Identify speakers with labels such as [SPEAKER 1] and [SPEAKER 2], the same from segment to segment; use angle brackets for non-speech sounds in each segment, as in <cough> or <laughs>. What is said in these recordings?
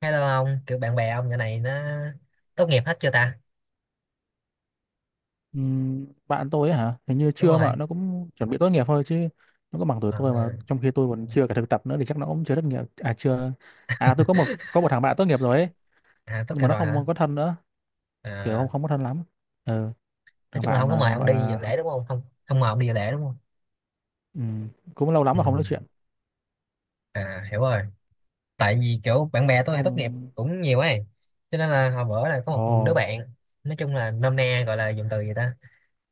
[SPEAKER 1] Hello ông, kiểu bạn bè ông nhỏ này nó tốt nghiệp hết chưa ta?
[SPEAKER 2] Bạn tôi ấy hả, hình như
[SPEAKER 1] Đúng
[SPEAKER 2] chưa, mà
[SPEAKER 1] rồi.
[SPEAKER 2] nó cũng chuẩn bị tốt nghiệp thôi chứ. Nó có bằng tuổi tôi,
[SPEAKER 1] À,
[SPEAKER 2] mà trong khi tôi còn chưa cả thực tập nữa thì chắc nó cũng chưa tốt nghiệp. À chưa, à tôi có một thằng bạn tốt nghiệp rồi ấy,
[SPEAKER 1] à tốt
[SPEAKER 2] nhưng
[SPEAKER 1] nghiệp
[SPEAKER 2] mà nó
[SPEAKER 1] rồi hả?
[SPEAKER 2] không có thân nữa, kiểu
[SPEAKER 1] À,
[SPEAKER 2] không không có thân lắm. Ừ,
[SPEAKER 1] nói
[SPEAKER 2] thằng
[SPEAKER 1] chung là
[SPEAKER 2] bạn,
[SPEAKER 1] không có mời ông
[SPEAKER 2] gọi
[SPEAKER 1] đi dự
[SPEAKER 2] là học.
[SPEAKER 1] lễ đúng không? Không mời ông đi dự lễ đúng không?
[SPEAKER 2] ừm, cũng lâu lắm
[SPEAKER 1] Ừ.
[SPEAKER 2] mà không nói chuyện.
[SPEAKER 1] À hiểu rồi. Tại vì kiểu bạn bè tôi
[SPEAKER 2] Nó
[SPEAKER 1] thì tốt nghiệp
[SPEAKER 2] không.
[SPEAKER 1] cũng nhiều ấy. Cho nên là hồi bữa là có
[SPEAKER 2] Ồ.
[SPEAKER 1] một đứa bạn nói chung là nôm na gọi là dùng từ gì ta?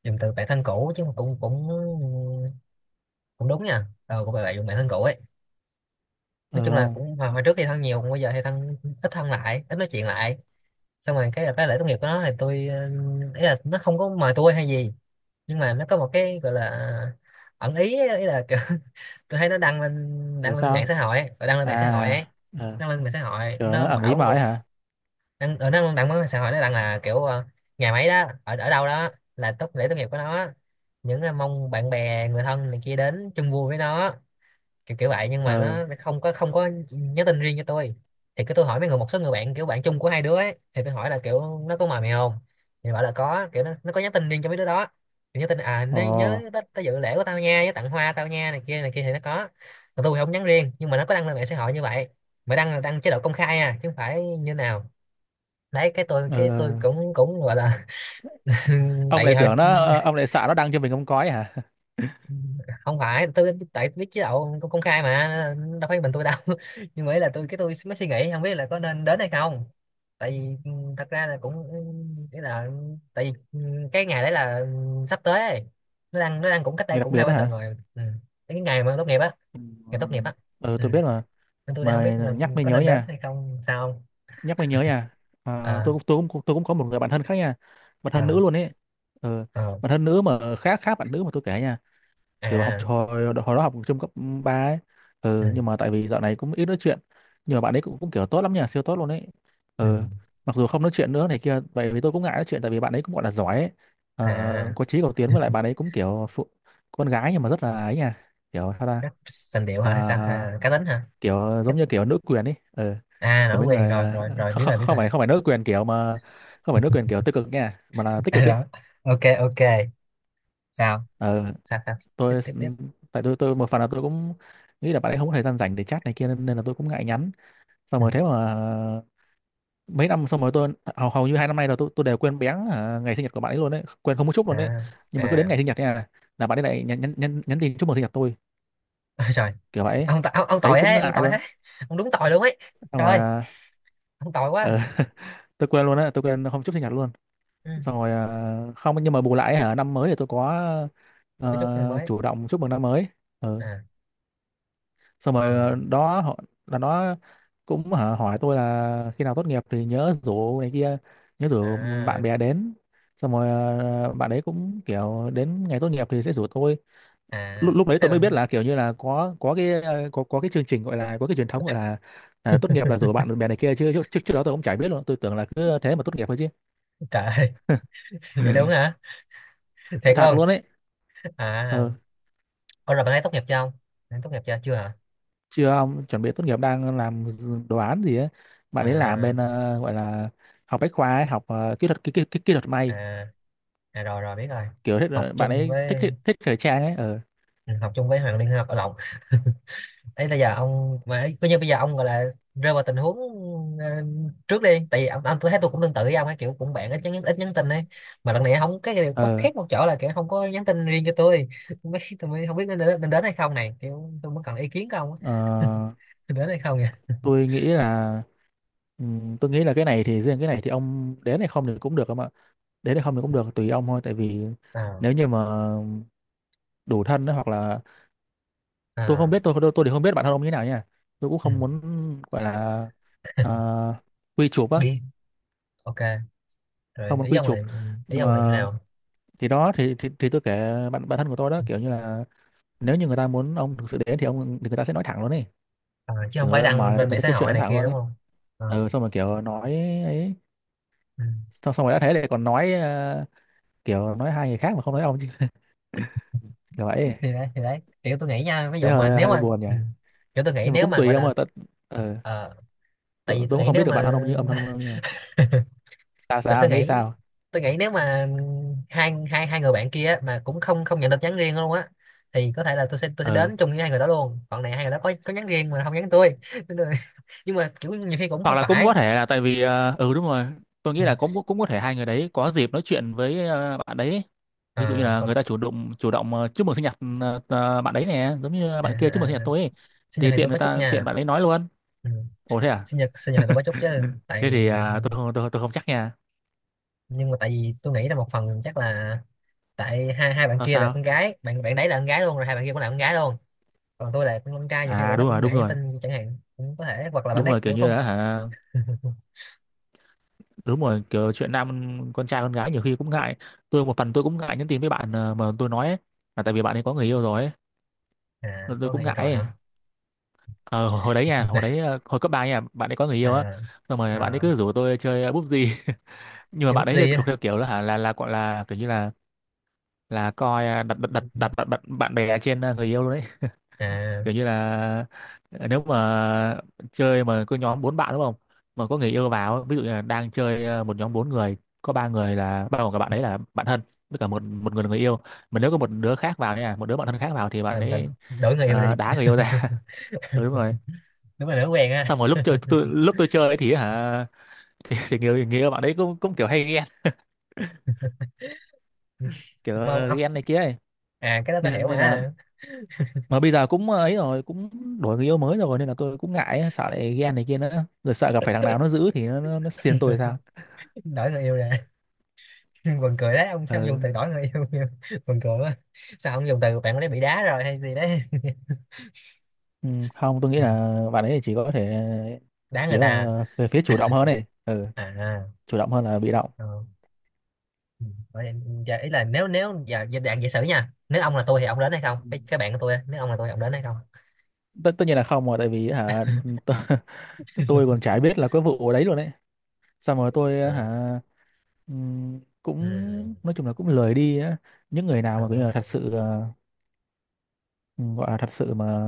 [SPEAKER 1] Dùng từ bạn thân cũ chứ mà cũng cũng cũng đúng nha. Ờ cũng gọi là dùng bạn thân cũ ấy,
[SPEAKER 2] Ừ
[SPEAKER 1] nói chung là
[SPEAKER 2] không,
[SPEAKER 1] cũng hồi, hồi trước thì thân nhiều, còn bây giờ thì thân ít, thân lại ít nói chuyện lại. Xong rồi cái lễ tốt nghiệp của nó thì tôi ý là nó không có mời tôi hay gì, nhưng mà nó có một cái gọi là ẩn ý ấy, ý là kiểu, <laughs> tôi thấy nó đăng lên,
[SPEAKER 2] kiểu
[SPEAKER 1] đăng lên mạng
[SPEAKER 2] sao?
[SPEAKER 1] xã hội ấy, đăng lên mạng xã hội ấy,
[SPEAKER 2] À. Ờ,
[SPEAKER 1] đăng lên mạng xã hội
[SPEAKER 2] kiểu
[SPEAKER 1] nó
[SPEAKER 2] nó ẩn ý
[SPEAKER 1] bảo
[SPEAKER 2] mà
[SPEAKER 1] một,
[SPEAKER 2] ấy hả.
[SPEAKER 1] đăng ở nó đăng mạng xã hội, nó đăng là kiểu ngày mấy đó ở ở đâu đó là tốt lễ tốt nghiệp của nó, những mong bạn bè người thân này kia đến chung vui với nó, kiểu kiểu vậy, nhưng mà
[SPEAKER 2] Ừ.
[SPEAKER 1] nó không có nhắn tin riêng cho tôi. Thì cứ tôi hỏi mấy người, một số người bạn, kiểu bạn chung của hai đứa ấy, thì tôi hỏi là kiểu nó có mời mày không, thì bảo là có, kiểu nó có nhắn tin riêng cho mấy đứa đó, thì nhắn tin à nó nhớ
[SPEAKER 2] Ồ.
[SPEAKER 1] tới, tới dự lễ của tao nha, với tặng hoa tao nha, này kia thì nó có. Còn tôi thì không nhắn riêng, nhưng mà nó có đăng lên mạng xã hội như vậy, mà đăng là đăng chế độ công khai à chứ không phải như nào. Đấy cái tôi
[SPEAKER 2] Ừ.
[SPEAKER 1] cái tôi
[SPEAKER 2] Ừ.
[SPEAKER 1] cũng cũng gọi là <laughs>
[SPEAKER 2] Ông
[SPEAKER 1] tại vì
[SPEAKER 2] lại
[SPEAKER 1] hồi
[SPEAKER 2] tưởng nó,
[SPEAKER 1] <laughs>
[SPEAKER 2] ông lại sợ nó đăng cho mình không có ấy hả. <laughs>
[SPEAKER 1] không phải tôi, tại tôi biết chế độ công công khai mà, đâu phải mình tôi đâu. <laughs> Nhưng mà ý là tôi, cái tôi mới suy nghĩ không biết là có nên đến hay không, tại vì thật ra là cũng nghĩa là, tại vì cái ngày đấy là sắp tới ấy. Nó đang, nó đang cũng cách
[SPEAKER 2] Nghe
[SPEAKER 1] đây
[SPEAKER 2] đặc
[SPEAKER 1] cũng
[SPEAKER 2] biệt
[SPEAKER 1] hai ba
[SPEAKER 2] đó
[SPEAKER 1] tuần
[SPEAKER 2] hả.
[SPEAKER 1] rồi. Ừ. Cái ngày mà tốt nghiệp á, ngày tốt nghiệp
[SPEAKER 2] Ừ.
[SPEAKER 1] á.
[SPEAKER 2] Ờ,
[SPEAKER 1] Ừ.
[SPEAKER 2] tôi biết mà.
[SPEAKER 1] Nên tôi đang không
[SPEAKER 2] Mà
[SPEAKER 1] biết là
[SPEAKER 2] nhắc mới
[SPEAKER 1] có
[SPEAKER 2] nhớ
[SPEAKER 1] nên đến
[SPEAKER 2] nha.
[SPEAKER 1] hay không sao không.
[SPEAKER 2] Nhắc mới nhớ nha. À, tôi
[SPEAKER 1] À,
[SPEAKER 2] cũng có một người bạn thân khác nha, bạn thân
[SPEAKER 1] à,
[SPEAKER 2] nữ luôn ấy. Ừ.
[SPEAKER 1] à,
[SPEAKER 2] Bạn thân nữ mà khác, khác bạn nữ mà tôi kể nha. Kiểu học
[SPEAKER 1] à.
[SPEAKER 2] hồi hồi đó học trung cấp 3 ấy.
[SPEAKER 1] Ừ.
[SPEAKER 2] Ừ. Nhưng mà tại vì dạo này cũng ít nói chuyện, nhưng mà bạn ấy cũng, cũng kiểu tốt lắm nha, siêu tốt luôn ấy.
[SPEAKER 1] Ừ,
[SPEAKER 2] Ừ. Mặc dù không nói chuyện nữa này kia vậy, vì tôi cũng ngại nói chuyện, tại vì bạn ấy cũng gọi là giỏi ấy. Ờ,
[SPEAKER 1] à.
[SPEAKER 2] có chí cầu tiến, với lại
[SPEAKER 1] <laughs>
[SPEAKER 2] bạn ấy cũng kiểu phụ, con gái nhưng mà rất là ấy nha, kiểu sao ta.
[SPEAKER 1] Cách sành điệu
[SPEAKER 2] Ờ,
[SPEAKER 1] hả hay sao à, cá tính hả?
[SPEAKER 2] kiểu giống như kiểu nữ quyền ấy. Ờ,
[SPEAKER 1] À
[SPEAKER 2] kiểu
[SPEAKER 1] nói
[SPEAKER 2] mấy
[SPEAKER 1] quen
[SPEAKER 2] người,
[SPEAKER 1] rồi, rồi rồi
[SPEAKER 2] không,
[SPEAKER 1] biết
[SPEAKER 2] không,
[SPEAKER 1] rồi biết
[SPEAKER 2] không
[SPEAKER 1] rồi.
[SPEAKER 2] phải nữ quyền kiểu mà, không phải nữ quyền kiểu tiêu cực nha, mà là
[SPEAKER 1] <laughs>
[SPEAKER 2] tích
[SPEAKER 1] À
[SPEAKER 2] cực ấy.
[SPEAKER 1] đó, ok ok. Sao,
[SPEAKER 2] Ờ,
[SPEAKER 1] sao sao? Tiếp
[SPEAKER 2] tôi,
[SPEAKER 1] tiếp tiếp.
[SPEAKER 2] tại tôi một phần là tôi cũng nghĩ là bạn ấy không có thời gian rảnh để chat này kia, nên, nên là tôi cũng ngại nhắn. Xong
[SPEAKER 1] Ừ.
[SPEAKER 2] rồi thế mà mấy năm, xong rồi tôi hầu hầu như 2 năm nay là tôi đều quên béng à, ngày sinh nhật của bạn ấy luôn đấy, quên không một chút luôn đấy.
[SPEAKER 1] À,
[SPEAKER 2] Nhưng mà cứ đến
[SPEAKER 1] à.
[SPEAKER 2] ngày sinh nhật nha, là bạn ấy lại nhắn nhắn nhắn nhắn tin chúc mừng sinh nhật tôi,
[SPEAKER 1] Ôi trời,
[SPEAKER 2] kiểu vậy ấy.
[SPEAKER 1] ông, ông
[SPEAKER 2] Thấy
[SPEAKER 1] tội
[SPEAKER 2] cũng
[SPEAKER 1] thế, ông
[SPEAKER 2] ngại
[SPEAKER 1] tội
[SPEAKER 2] luôn.
[SPEAKER 1] thế, ông đúng tội luôn ấy.
[SPEAKER 2] Xong
[SPEAKER 1] Trời
[SPEAKER 2] rồi
[SPEAKER 1] ơi,
[SPEAKER 2] à,
[SPEAKER 1] ông tội
[SPEAKER 2] ờ.
[SPEAKER 1] quá.
[SPEAKER 2] <laughs> Tôi quên luôn á, tôi quên không chúc sinh nhật luôn.
[SPEAKER 1] Ừ.
[SPEAKER 2] Xong rồi không, nhưng mà bù lại hả, năm mới thì tôi có
[SPEAKER 1] Cho chút em mới.
[SPEAKER 2] chủ động chúc mừng năm mới. Ừ.
[SPEAKER 1] À.
[SPEAKER 2] Xong rồi
[SPEAKER 1] Ừ.
[SPEAKER 2] đó, họ là nó cũng hả, hỏi tôi là khi nào tốt nghiệp thì nhớ rủ này kia, nhớ rủ bạn
[SPEAKER 1] À,
[SPEAKER 2] bè đến. Xong rồi bạn ấy cũng kiểu đến ngày tốt nghiệp thì sẽ rủ tôi.
[SPEAKER 1] à,
[SPEAKER 2] Lúc Lúc đấy
[SPEAKER 1] thế
[SPEAKER 2] tôi mới biết
[SPEAKER 1] bạn.
[SPEAKER 2] là kiểu như là có có cái chương trình, gọi là có cái truyền thống, gọi là à, tốt nghiệp là rủ bạn bè này kia. Chứ trước trước trước đó tôi cũng chả biết luôn, tôi tưởng là cứ thế mà tốt nghiệp thôi chứ.
[SPEAKER 1] Trời ơi, <laughs> vậy luôn hả? Thiệt
[SPEAKER 2] Thật
[SPEAKER 1] luôn.
[SPEAKER 2] luôn ấy.
[SPEAKER 1] À.
[SPEAKER 2] Ừ.
[SPEAKER 1] Ôi rồi bạn ấy tốt nghiệp chưa không, bạn ấy tốt nghiệp chưa, chưa hả?
[SPEAKER 2] Chưa, ông chuẩn bị tốt nghiệp, đang làm đồ án gì ấy. Bạn ấy làm
[SPEAKER 1] À.
[SPEAKER 2] bên, gọi là học bách khoa ấy, học kỹ thuật kỹ thuật may.
[SPEAKER 1] À, à rồi rồi biết rồi.
[SPEAKER 2] Kiểu thích,
[SPEAKER 1] Học
[SPEAKER 2] bạn
[SPEAKER 1] chung
[SPEAKER 2] ấy thích,
[SPEAKER 1] với,
[SPEAKER 2] thích thời trang ấy. Ờ.
[SPEAKER 1] ừ, học chung với Hoàng Liên hay học ở Lộc ấy. Bây giờ ông mà ấy, coi như bây giờ ông gọi là rơi vào tình huống ờ, trước đi, tại vì ông tôi thấy tôi cũng tương tự với ông ấy, kiểu cũng bạn ít nhắn, ít nhắn tin ấy, mà lần này không, cái điều có
[SPEAKER 2] Ờ.
[SPEAKER 1] khác một chỗ là kiểu không có nhắn tin riêng cho tôi. <laughs> Mấy tôi mới không biết nên đến hay không này, kiểu tôi mới cần ý kiến của ông
[SPEAKER 2] ờ,
[SPEAKER 1] á. Nên đến hay không nha?
[SPEAKER 2] tôi nghĩ là, tôi nghĩ là cái này thì riêng cái này thì ông đến hay không thì cũng được không ạ, đến hay không thì cũng được, tùy ông thôi. Tại vì
[SPEAKER 1] À,
[SPEAKER 2] nếu như mà đủ thân ấy, hoặc là tôi không
[SPEAKER 1] à,
[SPEAKER 2] biết, tôi thì không biết bản thân ông như thế nào nha, tôi cũng
[SPEAKER 1] ừ.
[SPEAKER 2] không muốn gọi là ờ, quy chụp á.
[SPEAKER 1] Đi, ok, rồi
[SPEAKER 2] Không muốn
[SPEAKER 1] ý
[SPEAKER 2] quy
[SPEAKER 1] ông
[SPEAKER 2] chụp,
[SPEAKER 1] là, ý
[SPEAKER 2] nhưng
[SPEAKER 1] ông là như
[SPEAKER 2] mà
[SPEAKER 1] nào?
[SPEAKER 2] thì đó, thì tôi kể bạn bạn thân của tôi đó, kiểu như là nếu như người ta muốn ông thực sự đến thì ông thì người ta sẽ nói thẳng luôn ấy.
[SPEAKER 1] À, chứ không
[SPEAKER 2] Kiểu
[SPEAKER 1] phải
[SPEAKER 2] người ta
[SPEAKER 1] đăng
[SPEAKER 2] mời,
[SPEAKER 1] bên
[SPEAKER 2] người
[SPEAKER 1] mạng
[SPEAKER 2] ta
[SPEAKER 1] xã
[SPEAKER 2] kiếm chuyện
[SPEAKER 1] hội
[SPEAKER 2] nói
[SPEAKER 1] này
[SPEAKER 2] thẳng
[SPEAKER 1] kia
[SPEAKER 2] luôn
[SPEAKER 1] đúng
[SPEAKER 2] ấy.
[SPEAKER 1] không? À,
[SPEAKER 2] Ừ, xong rồi kiểu nói ấy.
[SPEAKER 1] ừ.
[SPEAKER 2] Xong rồi đã thế lại còn nói, kiểu nói hai người khác mà không nói ông chứ, kiểu vậy ấy.
[SPEAKER 1] Thì đấy, thì đấy kiểu tôi nghĩ nha, ví
[SPEAKER 2] Thế
[SPEAKER 1] dụ mà
[SPEAKER 2] hơi
[SPEAKER 1] nếu
[SPEAKER 2] hơi
[SPEAKER 1] mà
[SPEAKER 2] buồn nhỉ.
[SPEAKER 1] ừ. Kiểu tôi nghĩ
[SPEAKER 2] Nhưng mà
[SPEAKER 1] nếu
[SPEAKER 2] cũng
[SPEAKER 1] mà
[SPEAKER 2] tùy
[SPEAKER 1] gọi
[SPEAKER 2] ông
[SPEAKER 1] là
[SPEAKER 2] ơi tận. Ờ.
[SPEAKER 1] ờ, tại
[SPEAKER 2] Tôi,
[SPEAKER 1] vì tôi
[SPEAKER 2] cũng
[SPEAKER 1] nghĩ
[SPEAKER 2] không biết
[SPEAKER 1] nếu
[SPEAKER 2] được bạn thân
[SPEAKER 1] mà
[SPEAKER 2] ông như ông, thân ông như là
[SPEAKER 1] <laughs>
[SPEAKER 2] sao,
[SPEAKER 1] tại
[SPEAKER 2] sao
[SPEAKER 1] tôi
[SPEAKER 2] nghĩ
[SPEAKER 1] nghĩ,
[SPEAKER 2] sao.
[SPEAKER 1] tôi nghĩ nếu mà hai hai hai người bạn kia á, mà cũng không không nhận được nhắn riêng luôn á, thì có thể là tôi sẽ
[SPEAKER 2] Ờ,
[SPEAKER 1] đến chung với hai người đó luôn, còn này hai người đó có nhắn riêng mà không nhắn tôi. <laughs> Nên là- nhưng mà kiểu nhiều khi cũng
[SPEAKER 2] hoặc
[SPEAKER 1] không
[SPEAKER 2] là cũng có
[SPEAKER 1] phải.
[SPEAKER 2] thể là tại vì, ừ đúng rồi, tôi nghĩ
[SPEAKER 1] Ừ.
[SPEAKER 2] là cũng cũng có thể hai người đấy có dịp nói chuyện với, bạn đấy ấy. Ví dụ
[SPEAKER 1] À,
[SPEAKER 2] như là
[SPEAKER 1] còn,
[SPEAKER 2] người ta chủ động, chúc mừng sinh nhật. Bạn đấy nè, giống như
[SPEAKER 1] à,
[SPEAKER 2] bạn kia chúc mừng sinh nhật
[SPEAKER 1] à,
[SPEAKER 2] tôi ấy.
[SPEAKER 1] sinh
[SPEAKER 2] Thì
[SPEAKER 1] nhật thì
[SPEAKER 2] tiện
[SPEAKER 1] tôi
[SPEAKER 2] người
[SPEAKER 1] có chút
[SPEAKER 2] ta, tiện
[SPEAKER 1] nha.
[SPEAKER 2] bạn ấy nói luôn.
[SPEAKER 1] Ừ.
[SPEAKER 2] Ồ thế à.
[SPEAKER 1] Sinh nhật, sinh nhật thì tôi có chút chứ
[SPEAKER 2] <laughs> Thế thì
[SPEAKER 1] tại,
[SPEAKER 2] à, tôi không, tôi không chắc nha.
[SPEAKER 1] nhưng mà tại vì tôi nghĩ là một phần chắc là tại hai hai bạn
[SPEAKER 2] Sao
[SPEAKER 1] kia là con
[SPEAKER 2] sao.
[SPEAKER 1] gái, bạn bạn đấy là con gái luôn, rồi hai bạn kia cũng là con gái luôn, còn tôi là con trai, nhiều khi
[SPEAKER 2] À
[SPEAKER 1] bạn nó
[SPEAKER 2] đúng rồi,
[SPEAKER 1] cũng
[SPEAKER 2] đúng
[SPEAKER 1] ngại nhắn
[SPEAKER 2] rồi,
[SPEAKER 1] tin chẳng hạn, cũng có thể, hoặc là bạn
[SPEAKER 2] đúng
[SPEAKER 1] ấy
[SPEAKER 2] rồi, kiểu
[SPEAKER 1] kiểu
[SPEAKER 2] như
[SPEAKER 1] không.
[SPEAKER 2] là hả, đúng rồi, kiểu chuyện nam, con trai con gái nhiều khi cũng ngại. Tôi một phần tôi cũng ngại nhắn tin với bạn, mà tôi nói ấy, là tại vì bạn ấy có người yêu rồi ấy.
[SPEAKER 1] À
[SPEAKER 2] Nên tôi
[SPEAKER 1] có người
[SPEAKER 2] cũng
[SPEAKER 1] yêu
[SPEAKER 2] ngại
[SPEAKER 1] rồi
[SPEAKER 2] ấy.
[SPEAKER 1] hả?
[SPEAKER 2] Ờ, hồi hồi đấy
[SPEAKER 1] <laughs>
[SPEAKER 2] nha, hồi
[SPEAKER 1] Này.
[SPEAKER 2] đấy hồi cấp ba nha, bạn ấy có người yêu á.
[SPEAKER 1] À,
[SPEAKER 2] Xong rồi bạn ấy
[SPEAKER 1] à,
[SPEAKER 2] cứ rủ tôi chơi, búp gì. <laughs> Nhưng mà
[SPEAKER 1] chơi
[SPEAKER 2] bạn ấy thì
[SPEAKER 1] PUBG
[SPEAKER 2] thuộc
[SPEAKER 1] á?
[SPEAKER 2] theo kiểu là hả, là gọi là kiểu như là coi à, đặt đặt đặt đặt bạn bạn bạn bè trên à, người yêu luôn đấy. <laughs>
[SPEAKER 1] À,
[SPEAKER 2] Kiểu như là à, nếu mà chơi mà có nhóm 4 bạn đúng không, mà có người yêu vào ấy, ví dụ như là đang chơi à, một nhóm 4 người, có ba người là bao gồm cả bạn ấy là bạn thân, với cả một một người là người yêu, mà nếu có một đứa khác vào nha, một đứa bạn thân khác vào, thì bạn
[SPEAKER 1] làm
[SPEAKER 2] ấy
[SPEAKER 1] đổi người yêu
[SPEAKER 2] à, đá
[SPEAKER 1] đi.
[SPEAKER 2] người yêu ra. <laughs> Ừ, đúng rồi.
[SPEAKER 1] <laughs> Đúng là đổi quen á.
[SPEAKER 2] Xong rồi lúc tôi chơi ấy thì hả, <laughs> thì, người, người yêu bạn đấy cũng cũng kiểu hay ghen, kiểu
[SPEAKER 1] <laughs> Mà ông,
[SPEAKER 2] ghen này kia ấy.
[SPEAKER 1] à cái đó tôi
[SPEAKER 2] Nên
[SPEAKER 1] hiểu mà.
[SPEAKER 2] nên là
[SPEAKER 1] À,
[SPEAKER 2] mà bây giờ cũng ờ, ấy rồi, cũng đổi người yêu mới rồi, nên là tôi cũng ngại ấy, sợ lại ghen này kia nữa, rồi sợ gặp phải thằng nào nó giữ thì nó xiên tôi sao.
[SPEAKER 1] đổi người yêu nè. <laughs> Buồn cười đấy, ông sao dùng
[SPEAKER 2] Ừ.
[SPEAKER 1] từ đổi người yêu nhiều? <laughs> Buồn cười quá. Sao ông dùng từ bạn ấy bị đá rồi hay gì đấy? <laughs>
[SPEAKER 2] Ừ, không, tôi nghĩ là bạn ấy chỉ có thể
[SPEAKER 1] Đá người
[SPEAKER 2] kiểu
[SPEAKER 1] ta.
[SPEAKER 2] là về phía chủ động hơn này. Ừ,
[SPEAKER 1] À, à,
[SPEAKER 2] chủ động hơn là bị động.
[SPEAKER 1] à, à. Ừ. Vậy, giờ ý là nếu nếu giờ giờ dạng giả sử nha, nếu ông là tôi thì ông đến hay không,
[SPEAKER 2] Ừ.
[SPEAKER 1] cái cái bạn của tôi á, nếu ông là tôi thì ông đến hay không?
[SPEAKER 2] tất Tất nhiên là không rồi, tại vì hả, tôi, <laughs> tôi còn chả biết là có vụ ở đấy luôn đấy. Xong rồi
[SPEAKER 1] Ờ,
[SPEAKER 2] tôi hả,
[SPEAKER 1] ừ.
[SPEAKER 2] cũng nói chung là cũng lười đi á. Những người nào
[SPEAKER 1] Ờ,
[SPEAKER 2] mà bây giờ thật sự, ừ, gọi là thật sự mà,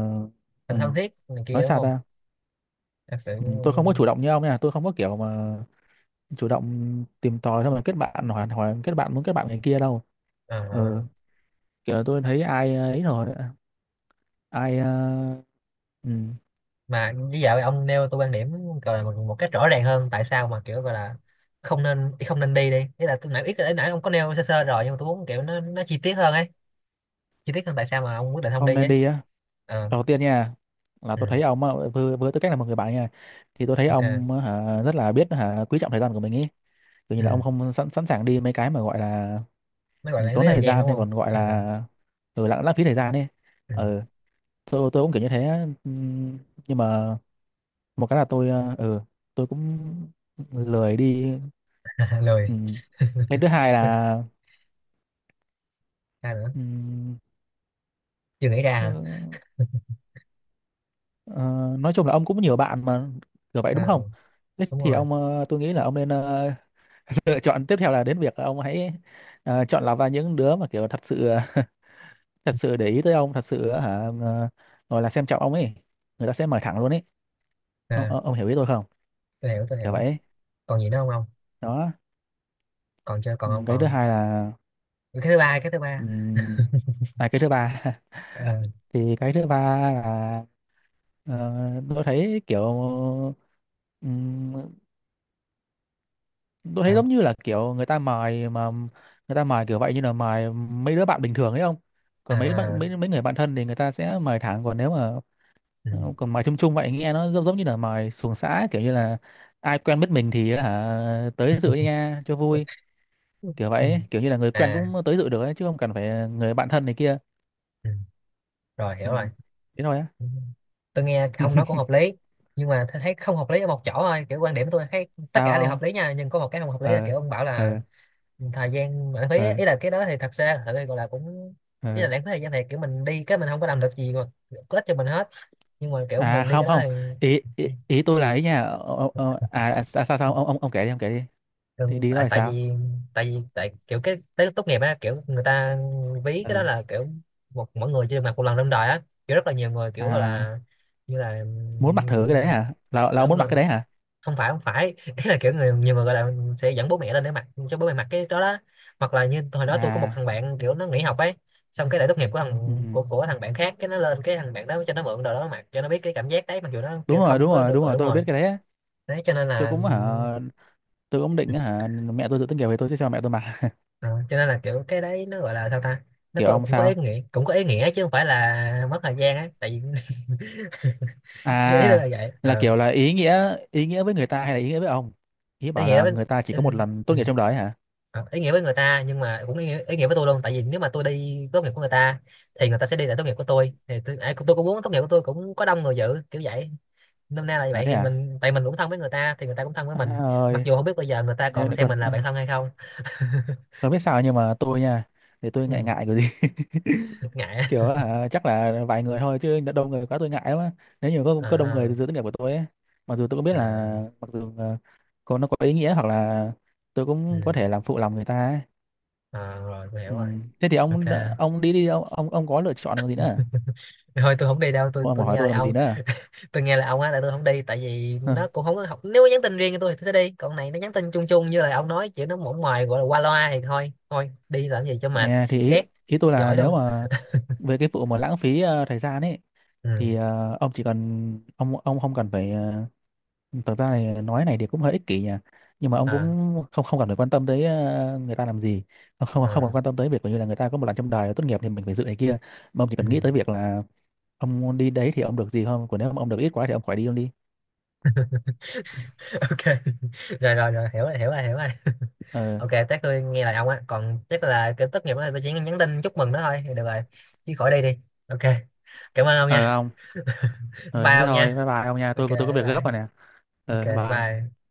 [SPEAKER 1] thật thân
[SPEAKER 2] ừm,
[SPEAKER 1] thiết này kia
[SPEAKER 2] nói
[SPEAKER 1] đúng
[SPEAKER 2] sao
[SPEAKER 1] không,
[SPEAKER 2] ta.
[SPEAKER 1] thật sự
[SPEAKER 2] Ừ, tôi không có chủ động như ông nha, tôi không có kiểu mà chủ động tìm tòi, xong rồi kết bạn, hỏi hỏi kết bạn muốn kết bạn người kia đâu. Ừ,
[SPEAKER 1] ờ,
[SPEAKER 2] kiểu là tôi thấy ai, ấy rồi, ai ừ.
[SPEAKER 1] mà bây giờ ông nêu tôi quan điểm, gọi là một, một cách rõ ràng hơn tại sao mà kiểu gọi là không nên, không nên đi đi, ý là tôi nãy ít, nãy nãy ông có nêu sơ sơ rồi nhưng mà tôi muốn kiểu nó chi tiết hơn ấy, chi tiết hơn tại sao mà ông quyết định không
[SPEAKER 2] Không
[SPEAKER 1] đi
[SPEAKER 2] nên
[SPEAKER 1] ấy.
[SPEAKER 2] đi á.
[SPEAKER 1] Ờ,
[SPEAKER 2] Đầu tiên nha là tôi
[SPEAKER 1] ừ,
[SPEAKER 2] thấy ông á, với tư cách là một người bạn nha, thì tôi thấy
[SPEAKER 1] ok,
[SPEAKER 2] ông á, hả, rất là biết hả, quý trọng thời gian của mình ý. Tự nhiên là ông
[SPEAKER 1] ừ,
[SPEAKER 2] không sẵn sẵn sàng đi mấy cái mà gọi là.
[SPEAKER 1] nó gọi
[SPEAKER 2] Ừ,
[SPEAKER 1] là lãng phí
[SPEAKER 2] tốn
[SPEAKER 1] thời
[SPEAKER 2] thời
[SPEAKER 1] gian
[SPEAKER 2] gian,
[SPEAKER 1] đúng
[SPEAKER 2] hay
[SPEAKER 1] không?
[SPEAKER 2] còn gọi
[SPEAKER 1] Ừ,
[SPEAKER 2] là ừ, lãng lãng phí thời gian ấy.
[SPEAKER 1] ừ.
[SPEAKER 2] Ừ, tôi cũng kiểu như thế á. Ừ, nhưng mà một cái là tôi, tôi cũng lười đi.
[SPEAKER 1] <laughs>
[SPEAKER 2] Ừ.
[SPEAKER 1] Lười. <laughs>
[SPEAKER 2] Cái thứ hai là,
[SPEAKER 1] Ra nữa,
[SPEAKER 2] ừ,
[SPEAKER 1] chưa nghĩ ra
[SPEAKER 2] ờ,
[SPEAKER 1] hả?
[SPEAKER 2] ờ, nói chung là ông cũng nhiều bạn mà, kiểu vậy đúng
[SPEAKER 1] À,
[SPEAKER 2] không. Thế
[SPEAKER 1] đúng
[SPEAKER 2] thì
[SPEAKER 1] rồi.
[SPEAKER 2] ông, tôi nghĩ là ông nên, <laughs> lựa chọn tiếp theo là đến việc là ông hãy, chọn lọc ra những đứa mà kiểu thật sự, thật sự để ý tới ông, thật sự, gọi là xem trọng ông ấy. Người ta sẽ mời thẳng luôn ấy.
[SPEAKER 1] À
[SPEAKER 2] Ông hiểu ý tôi không,
[SPEAKER 1] tôi hiểu, tôi
[SPEAKER 2] kiểu
[SPEAKER 1] hiểu.
[SPEAKER 2] vậy
[SPEAKER 1] Còn gì nữa không ông?
[SPEAKER 2] đó.
[SPEAKER 1] Còn chưa, còn
[SPEAKER 2] Ừ,
[SPEAKER 1] không
[SPEAKER 2] cái thứ
[SPEAKER 1] còn?
[SPEAKER 2] hai là,
[SPEAKER 1] Cái thứ ba, cái thứ ba.
[SPEAKER 2] ừ, cái thứ ba. <laughs>
[SPEAKER 1] Ờ,
[SPEAKER 2] Thì cái thứ ba là, Ờ, tôi thấy kiểu, ừm, tôi thấy
[SPEAKER 1] sao?
[SPEAKER 2] giống như là kiểu người ta mài mà, người ta mài kiểu vậy như là mài mấy đứa bạn bình thường ấy không. Còn mấy bạn,
[SPEAKER 1] À,
[SPEAKER 2] mấy mấy người bạn thân thì người ta sẽ mài thẳng, còn nếu mà,
[SPEAKER 1] ừ.
[SPEAKER 2] còn mài chung chung vậy nghe nó giống giống như là mài xuồng xã, kiểu như là ai quen biết mình thì hả tới dự nha cho vui, kiểu
[SPEAKER 1] Ừ.
[SPEAKER 2] vậy ấy. Kiểu như là người quen
[SPEAKER 1] À.
[SPEAKER 2] cũng tới dự được ấy, chứ không cần phải người bạn thân này kia.
[SPEAKER 1] Ừ. Rồi
[SPEAKER 2] Ừ.
[SPEAKER 1] hiểu rồi.
[SPEAKER 2] Thế thôi á.
[SPEAKER 1] Tôi nghe ông nói cũng hợp lý, nhưng mà tôi thấy không hợp lý ở một chỗ thôi, kiểu quan điểm tôi thấy tất cả đều hợp
[SPEAKER 2] Tao.
[SPEAKER 1] lý nha, nhưng có một cái không hợp lý là
[SPEAKER 2] Ờ.
[SPEAKER 1] kiểu ông bảo là
[SPEAKER 2] Ờ.
[SPEAKER 1] thời gian lãng phí
[SPEAKER 2] Ờ.
[SPEAKER 1] ấy. Ý là cái đó thì thật ra gọi là cũng, ý
[SPEAKER 2] Ờ.
[SPEAKER 1] là lãng phí thời gian thì kiểu mình đi cái mình không có làm được gì mà có ích cho mình hết, nhưng mà kiểu
[SPEAKER 2] À
[SPEAKER 1] mình đi cái
[SPEAKER 2] không,
[SPEAKER 1] đó
[SPEAKER 2] không,
[SPEAKER 1] thì,
[SPEAKER 2] ý, ý tôi là ý nha, sao sao sao? Ông kể đi, đi
[SPEAKER 1] thường
[SPEAKER 2] đi, đó
[SPEAKER 1] tại,
[SPEAKER 2] là
[SPEAKER 1] tại
[SPEAKER 2] sao.
[SPEAKER 1] vì tại vì tại kiểu cái tới tốt nghiệp á, kiểu người ta ví
[SPEAKER 2] Ừ.
[SPEAKER 1] cái đó là kiểu một, mỗi người chưa được mặc một lần trong đời á, kiểu rất là nhiều người kiểu
[SPEAKER 2] À,
[SPEAKER 1] là, như là
[SPEAKER 2] muốn mặc thử cái đấy hả, là ông
[SPEAKER 1] đúng
[SPEAKER 2] muốn
[SPEAKER 1] là
[SPEAKER 2] mặc cái đấy hả.
[SPEAKER 1] không phải, không phải. <laughs> Ý là kiểu người, nhiều người gọi là sẽ dẫn bố mẹ lên để mặc cho bố mẹ mặc cái đó đó. Hoặc là như hồi đó tôi có một
[SPEAKER 2] À.
[SPEAKER 1] thằng bạn kiểu nó nghỉ học ấy, xong cái lễ tốt nghiệp của
[SPEAKER 2] Ừ.
[SPEAKER 1] thằng, của thằng bạn khác, cái nó lên, cái thằng bạn đó cho nó mượn đồ đó mặc cho nó biết cái cảm giác đấy, mặc dù nó
[SPEAKER 2] Đúng
[SPEAKER 1] kiểu
[SPEAKER 2] rồi,
[SPEAKER 1] không
[SPEAKER 2] đúng
[SPEAKER 1] có
[SPEAKER 2] rồi,
[SPEAKER 1] được,
[SPEAKER 2] đúng
[SPEAKER 1] ừ
[SPEAKER 2] rồi,
[SPEAKER 1] đúng
[SPEAKER 2] tôi biết
[SPEAKER 1] rồi.
[SPEAKER 2] cái đấy á.
[SPEAKER 1] Đấy cho nên
[SPEAKER 2] Tôi
[SPEAKER 1] là,
[SPEAKER 2] cũng hả, tôi cũng định hả, mẹ tôi dự tính kiểu về tôi sẽ cho mẹ tôi mặc.
[SPEAKER 1] Ờ, cho nên là kiểu cái đấy nó gọi là sao ta,
[SPEAKER 2] <laughs>
[SPEAKER 1] nó
[SPEAKER 2] Kiểu
[SPEAKER 1] có,
[SPEAKER 2] ông
[SPEAKER 1] cũng có ý
[SPEAKER 2] sao.
[SPEAKER 1] nghĩa, cũng có ý nghĩa chứ không phải là mất thời gian ấy tại vì <laughs> ý ý tôi
[SPEAKER 2] À,
[SPEAKER 1] là vậy.
[SPEAKER 2] là
[SPEAKER 1] Ờ,
[SPEAKER 2] kiểu là ý nghĩa, ý nghĩa với người ta hay là ý nghĩa với ông? Ý
[SPEAKER 1] ý
[SPEAKER 2] bảo
[SPEAKER 1] nghĩa
[SPEAKER 2] là
[SPEAKER 1] với,
[SPEAKER 2] người ta chỉ có một
[SPEAKER 1] ừ,
[SPEAKER 2] lần tốt
[SPEAKER 1] ừ.
[SPEAKER 2] nghiệp trong đời hả.
[SPEAKER 1] Ờ, ý nghĩa với người ta, nhưng mà cũng ý nghĩa với tôi luôn, tại vì nếu mà tôi đi tốt nghiệp của người ta thì người ta sẽ đi lại tốt nghiệp của tôi, thì tôi, ai cũng- tôi cũng muốn tốt nghiệp của tôi cũng có đông người dự kiểu vậy, năm nay là
[SPEAKER 2] À
[SPEAKER 1] vậy,
[SPEAKER 2] thế
[SPEAKER 1] thì
[SPEAKER 2] à.
[SPEAKER 1] mình tại mình cũng thân với người ta thì người ta cũng thân với
[SPEAKER 2] À
[SPEAKER 1] mình, mặc
[SPEAKER 2] ơi.
[SPEAKER 1] dù không biết bây giờ người ta
[SPEAKER 2] Nếu
[SPEAKER 1] còn xem
[SPEAKER 2] còn,
[SPEAKER 1] mình là bạn thân hay không.
[SPEAKER 2] còn biết sao, nhưng mà tôi nha, để tôi ngại,
[SPEAKER 1] Ừ,
[SPEAKER 2] ngại cái gì.
[SPEAKER 1] ngại á.
[SPEAKER 2] Kiểu hả, chắc là vài người thôi, chứ đã đông người quá tôi ngại lắm á. Nếu như có đông người
[SPEAKER 1] À,
[SPEAKER 2] dự tốt nghiệp của tôi ấy, mặc dù tôi cũng biết là,
[SPEAKER 1] à,
[SPEAKER 2] mặc dù có nó có ý nghĩa, hoặc là tôi
[SPEAKER 1] ừ.
[SPEAKER 2] cũng có thể làm phụ lòng người ta ấy.
[SPEAKER 1] Ờ, rồi tôi hiểu
[SPEAKER 2] Ừ.
[SPEAKER 1] rồi.
[SPEAKER 2] Thế thì
[SPEAKER 1] Ok,
[SPEAKER 2] ông đã- ông đi đi ông. Ông có lựa chọn làm gì nữa.
[SPEAKER 1] thôi tôi không đi đâu,
[SPEAKER 2] Ông
[SPEAKER 1] tôi
[SPEAKER 2] còn hỏi
[SPEAKER 1] nghe
[SPEAKER 2] tôi
[SPEAKER 1] là
[SPEAKER 2] làm gì
[SPEAKER 1] ông,
[SPEAKER 2] nữa.
[SPEAKER 1] tôi nghe là ông á, là tôi không đi, tại vì
[SPEAKER 2] Ừ.
[SPEAKER 1] nó cũng không có học, nếu nó nhắn tin riêng cho tôi thì tôi sẽ đi, còn này nó nhắn tin chung chung như là ông nói, kiểu nó mỏng ngoài gọi là qua loa thì thôi thôi đi làm gì cho mệt.
[SPEAKER 2] Nè, thì ý,
[SPEAKER 1] Ghét,
[SPEAKER 2] ý tôi là
[SPEAKER 1] giỏi
[SPEAKER 2] nếu
[SPEAKER 1] luôn.
[SPEAKER 2] mà về cái vụ mà lãng phí, thời gian ấy,
[SPEAKER 1] Ừ,
[SPEAKER 2] thì ông chỉ cần, ông không cần phải, thực ra này nói này thì cũng hơi ích kỷ nhỉ, nhưng mà ông
[SPEAKER 1] à,
[SPEAKER 2] cũng không không cần phải quan tâm tới, người ta làm gì. Không, không cần
[SPEAKER 1] à,
[SPEAKER 2] quan tâm tới việc như là người ta có một lần trong đời tốt nghiệp thì mình phải dự này kia. Mà ông chỉ
[SPEAKER 1] ừ.
[SPEAKER 2] cần nghĩ tới việc là ông đi đấy thì ông được gì không. Còn nếu mà ông được ít quá thì ông khỏi đi, ông đi.
[SPEAKER 1] <laughs> Ok. <laughs> Rồi rồi rồi, hiểu rồi, hiểu rồi, hiểu rồi.
[SPEAKER 2] Ờ.
[SPEAKER 1] Ok, chắc tôi nghe lời ông á, còn chắc là cái tốt nghiệp đó là tôi chỉ nhắn tin chúc mừng nó thôi thì được rồi, chứ khỏi đi đi. Ok, cảm ơn ông
[SPEAKER 2] Ờ
[SPEAKER 1] nha.
[SPEAKER 2] ông. Ờ
[SPEAKER 1] Bye
[SPEAKER 2] thế
[SPEAKER 1] ông
[SPEAKER 2] thôi,
[SPEAKER 1] nha.
[SPEAKER 2] bye bye ông nha,
[SPEAKER 1] Ok.
[SPEAKER 2] tôi có việc gấp
[SPEAKER 1] Bye.
[SPEAKER 2] rồi nè.
[SPEAKER 1] Ok
[SPEAKER 2] Ờ bye.
[SPEAKER 1] bye.